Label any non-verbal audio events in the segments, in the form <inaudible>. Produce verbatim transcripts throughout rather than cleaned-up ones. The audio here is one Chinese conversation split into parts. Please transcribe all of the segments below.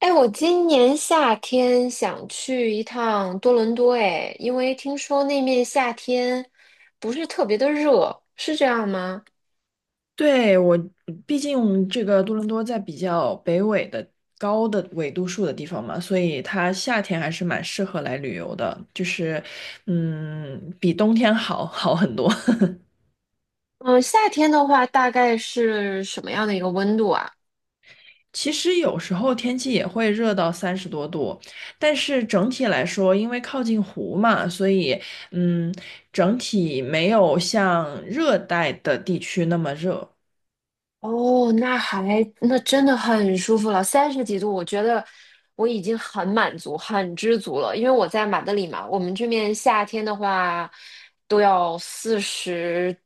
哎，我今年夏天想去一趟多伦多，哎，因为听说那面夏天不是特别的热，是这样吗？对，我，毕竟这个多伦多在比较北纬的高的纬度数的地方嘛，所以它夏天还是蛮适合来旅游的，就是，嗯，比冬天好 <laughs> 好很多。<laughs> 嗯，夏天的话大概是什么样的一个温度啊？其实有时候天气也会热到三十多度，但是整体来说，因为靠近湖嘛，所以嗯，整体没有像热带的地区那么热。哦，那还那真的很舒服了，三十几度，我觉得我已经很满足、很知足了。因为我在马德里嘛，我们这边夏天的话都要四十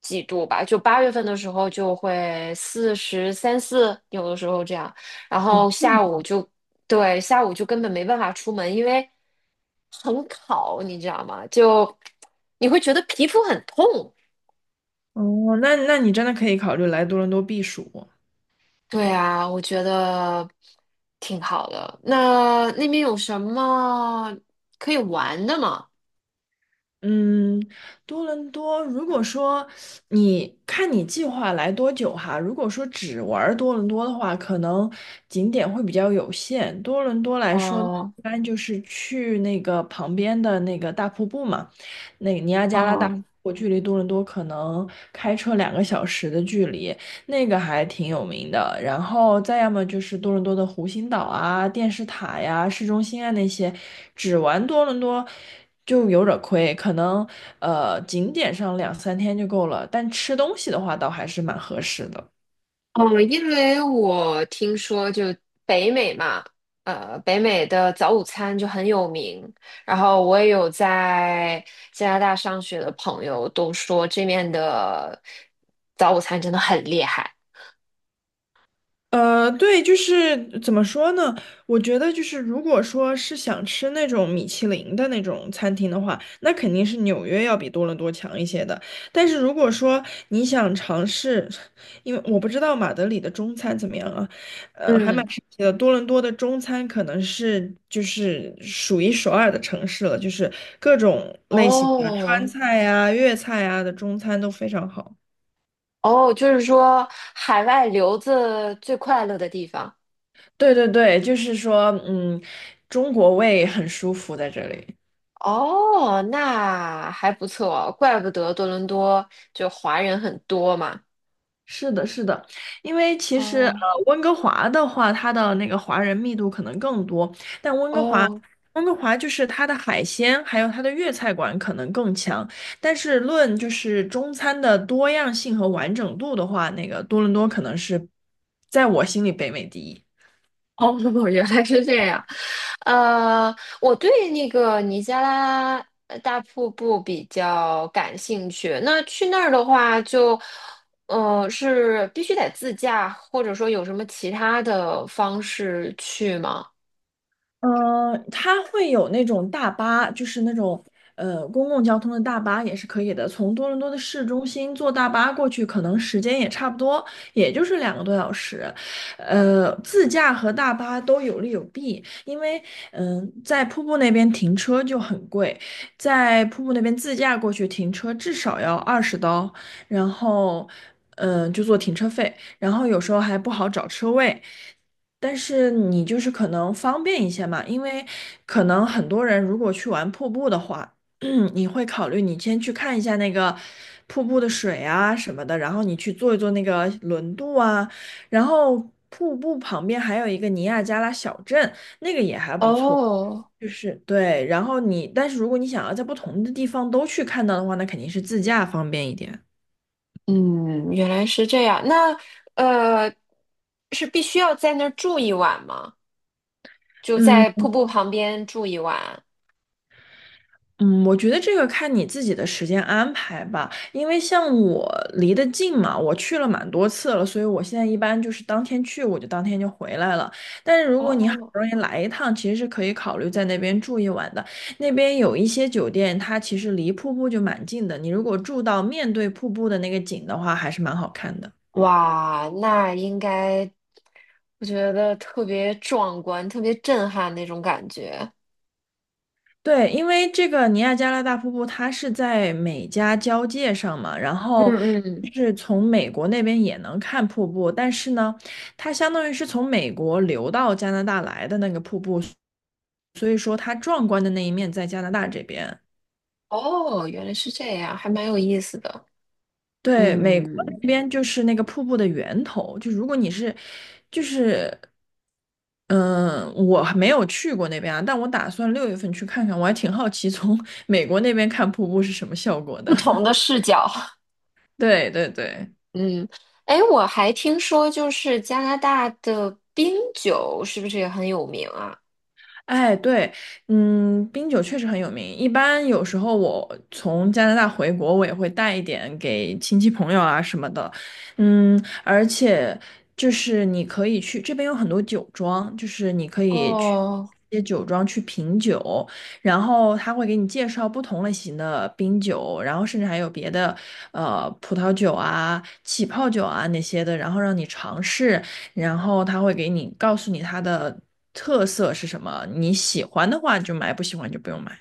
几度吧，就八月份的时候就会四十三四，有的时候这样。然后下午就对，下午就根本没办法出门，因为很烤，你知道吗？就你会觉得皮肤很痛。哦，那那你真的可以考虑来多伦多避暑。对啊，我觉得挺好的。那那边有什么可以玩的吗？嗯，多伦多，如果说你看你计划来多久哈，如果说只玩儿多伦多的话，可能景点会比较有限。多伦多来说，哦一般就是去那个旁边的那个大瀑布嘛，那个尼亚加拉大瀑哦布距离多伦多可能开车两个小时的距离。那个还挺有名的。然后再要么就是多伦多的湖心岛啊、电视塔呀、市中心啊那些，只玩多伦多就有点儿亏，可能呃景点上两三天就够了，但吃东西的话倒还是蛮合适的。哦，因为我听说就北美嘛，呃，北美的早午餐就很有名。然后我也有在加拿大上学的朋友都说这面的早午餐真的很厉害。呃，对，就是怎么说呢？我觉得就是，如果说是想吃那种米其林的那种餐厅的话，那肯定是纽约要比多伦多强一些的。但是如果说你想尝试，因为我不知道马德里的中餐怎么样啊，呃，还蛮嗯，神奇的。多伦多的中餐可能是就是数一数二的城市了，就是各种类型的川哦菜啊、粤菜啊的中餐都非常好。哦，就是说海外留子最快乐的地方。对对对，就是说，嗯，中国胃很舒服在这里。哦，那还不错，怪不得多伦多就华人很多嘛。是的，是的，因为其实呃，哦温哥华的话，它的那个华人密度可能更多，但温哥华，哦温哥华就是它的海鲜还有它的粤菜馆可能更强，但是论就是中餐的多样性和完整度的话，那个多伦多可能是在我心里北美第一。哦，<laughs> 原来是这样。呃，我对那个尼加拉呃大瀑布比较感兴趣。那去那儿的话就，呃，是必须得自驾，或者说有什么其他的方式去吗？嗯，它会有那种大巴，就是那种呃公共交通的大巴也是可以的。从多伦多的市中心坐大巴过去，可能时间也差不多，也就是两个多小时。呃，自驾和大巴都有利有弊，因为嗯、在瀑布那边停车就很贵，在瀑布那边自驾过去停车至少要二十刀，然后嗯、呃就做停车费，然后有时候还不好找车位。但是你就是可能方便一些嘛，因为可能很多人如果去玩瀑布的话，<clears throat> 你会考虑你先去看一下那个瀑布的水啊什么的，然后你去坐一坐那个轮渡啊，然后瀑布旁边还有一个尼亚加拉小镇，那个也还不错，哦就是对，然后你，但是如果你想要在不同的地方都去看到的话，那肯定是自驾方便一点。嗯，原来是这样。那呃，是必须要在那儿住一晚吗？就在嗯。瀑布旁边住一晚？嗯，我觉得这个看你自己的时间安排吧，因为像我离得近嘛，我去了蛮多次了，所以我现在一般就是当天去，我就当天就回来了。但是如果你好哦，不容易来一趟，其实是可以考虑在那边住一晚的。那边有一些酒店，它其实离瀑布就蛮近的，你如果住到面对瀑布的那个景的话，还是蛮好看的。哇，那应该，我觉得特别壮观，特别震撼那种感觉。对，因为这个尼亚加拉大瀑布它是在美加交界上嘛，然嗯后嗯，就是从美国那边也能看瀑布，但是呢，它相当于是从美国流到加拿大来的那个瀑布，所以说它壮观的那一面在加拿大这边。哦，原来是这样，还蛮有意思的。对，美国嗯，那边就是那个瀑布的源头，就如果你是，就是，嗯、我还没有去过那边啊，但我打算六月份去看看，我还挺好奇从 <laughs> 美国那边看瀑布是什么效果的。不同的 <laughs> 视角。<laughs> 对对对。嗯，哎，我还听说就是加拿大的冰酒是不是也很有名啊？哎，对，嗯，冰酒确实很有名。一般有时候我从加拿大回国，我也会带一点给亲戚朋友啊什么的。嗯，而且就是你可以去这边有很多酒庄，就是你可以去哦，一些酒庄去品酒，然后他会给你介绍不同类型的冰酒，然后甚至还有别的呃葡萄酒啊、起泡酒啊那些的，然后让你尝试。然后他会给你告诉你它的特色是什么，你喜欢的话就买，不喜欢就不用买。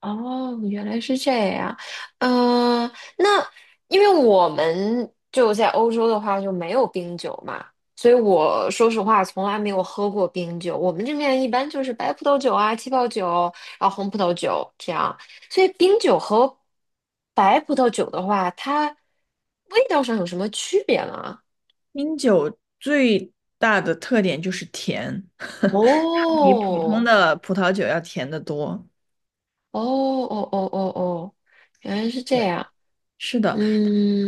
哦，原来是这样。嗯、那因为我们就在欧洲的话就没有冰酒嘛，所以我说实话从来没有喝过冰酒。我们这边一般就是白葡萄酒啊、气泡酒，然后红葡萄酒这样。所以冰酒和白葡萄酒的话，它味道上有什么区别吗？冰酒最大的特点就是甜，<laughs> 它比普通哦，的葡萄酒要甜得多。哦哦哦哦哦，原来是这对，样。是的，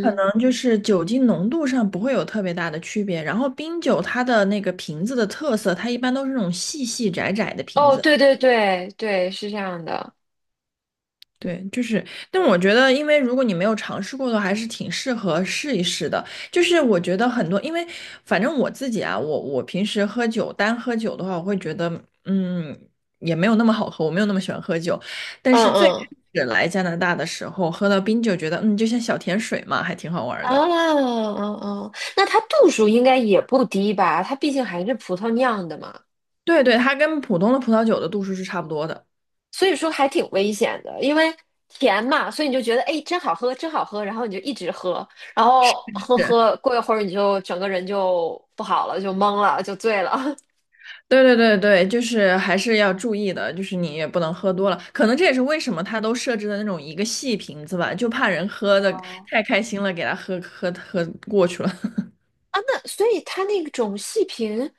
可能就是酒精浓度上不会有特别大的区别。然后冰酒它的那个瓶子的特色，它一般都是那种细细窄窄的瓶哦，子。对对对对，是这样的。对，就是，但我觉得，因为如果你没有尝试过的话，还是挺适合试一试的。就是我觉得很多，因为反正我自己啊，我我平时喝酒，单喝酒的话，我会觉得，嗯，也没有那么好喝，我没有那么喜欢喝酒。但嗯是最开嗯始来加拿大的时候，喝到冰酒，觉得嗯，就像小甜水嘛，还挺好玩儿啊，的。嗯嗯，那它度数应该也不低吧？它毕竟还是葡萄酿的嘛，对对，它跟普通的葡萄酒的度数是差不多的。所以说还挺危险的，因为甜嘛，所以你就觉得哎，真好喝，真好喝，然后你就一直喝，然后喝喝，过一会儿你就整个人就不好了，就懵了，就醉了 <laughs> 对对对对，就是还是要注意的，就是你也不能喝多了。可能这也是为什么他都设置的那种一个细瓶子吧，就怕人喝的哦太开心了，给他喝喝喝过去了。啊。哦那所以它那种细瓶，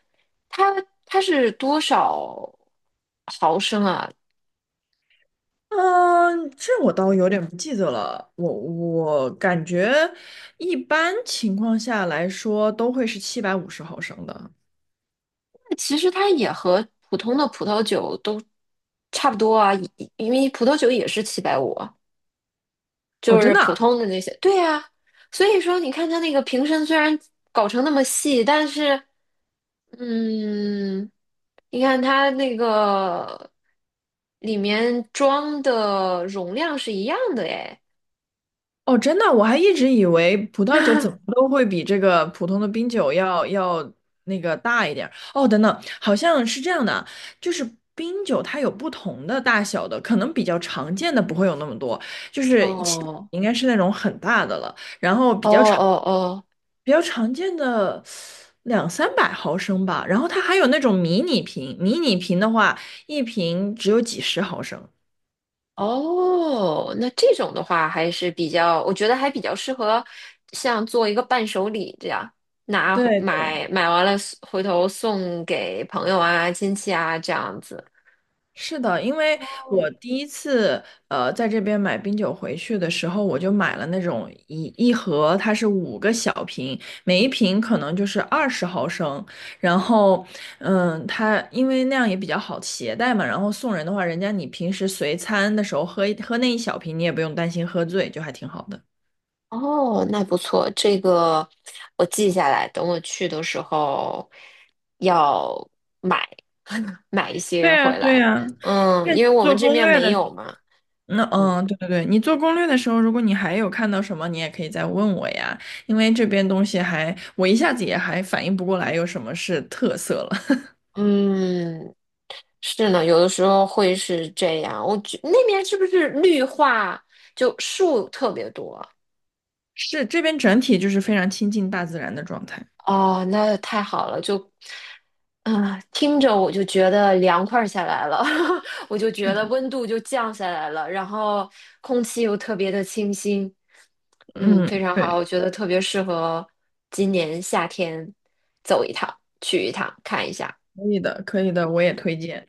它它是多少毫升啊？<laughs> 嗯，这我倒有点不记得了。我我感觉一般情况下来说都会是七百五十毫升的。其实它也和普通的葡萄酒都差不多啊，因因为葡萄酒也是七百五，哦，就真是普的？通的那些。对呀，所以说你看它那个瓶身虽然搞成那么细，但是，嗯，你看它那个里面装的容量是一样的诶。哦，真的，我还一直以为葡萄酒怎么 <laughs> 都会比这个普通的冰酒要要那个大一点儿。哦，等等，好像是这样的啊就是冰酒它有不同的大小的，可能比较常见的不会有那么多，就是起哦应该是那种很大的了，哦哦比较常见的两三百毫升吧。然后它还有那种迷你瓶，迷你瓶的话，一瓶只有几十毫升。哦，那这种的话还是比较，我觉得还比较适合像做一个伴手礼这样，拿回对对。买买完了送回头送给朋友啊、亲戚啊这样子。是的，因为我第一次呃在这边买冰酒回去的时候，我就买了那种一一盒，它是五个小瓶，每一瓶可能就是二十毫升。然后，嗯，它因为那样也比较好携带嘛。然后送人的话，人家你平时随餐的时候喝一喝那一小瓶，你也不用担心喝醉，就还挺好的。哦，那不错，这个我记下来，等我去的时候要买 <laughs> 买一对些呀，回对来。呀，嗯，看因为我们做这攻面略没的时有候。嘛。那嗯嗯，对对对，你做攻略的时候，如果你还有看到什么，你也可以再问我呀，因为这边东西还，我一下子也还反应不过来有什么是特色了。<laughs> 嗯，是呢，有的时候会是这样。我觉那边是不是绿化就树特别多？是这边整体就是非常亲近大自然的状态。哦，那太好了，就，嗯、听着我就觉得凉快儿下来了，<laughs> 我就是觉得的，温度就降下来了，然后空气又特别的清新，嗯，嗯，非常好，对，我觉得特别适合今年夏天走一趟，去一趟看一下。可以的，可以的，我也推荐。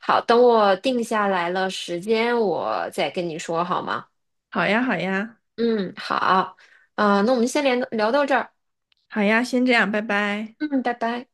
好，等我定下来了时间，我再跟你说好吗？好呀，好呀，嗯，好，啊、那我们先连聊到这儿，好呀，先这样，拜拜。嗯，拜拜。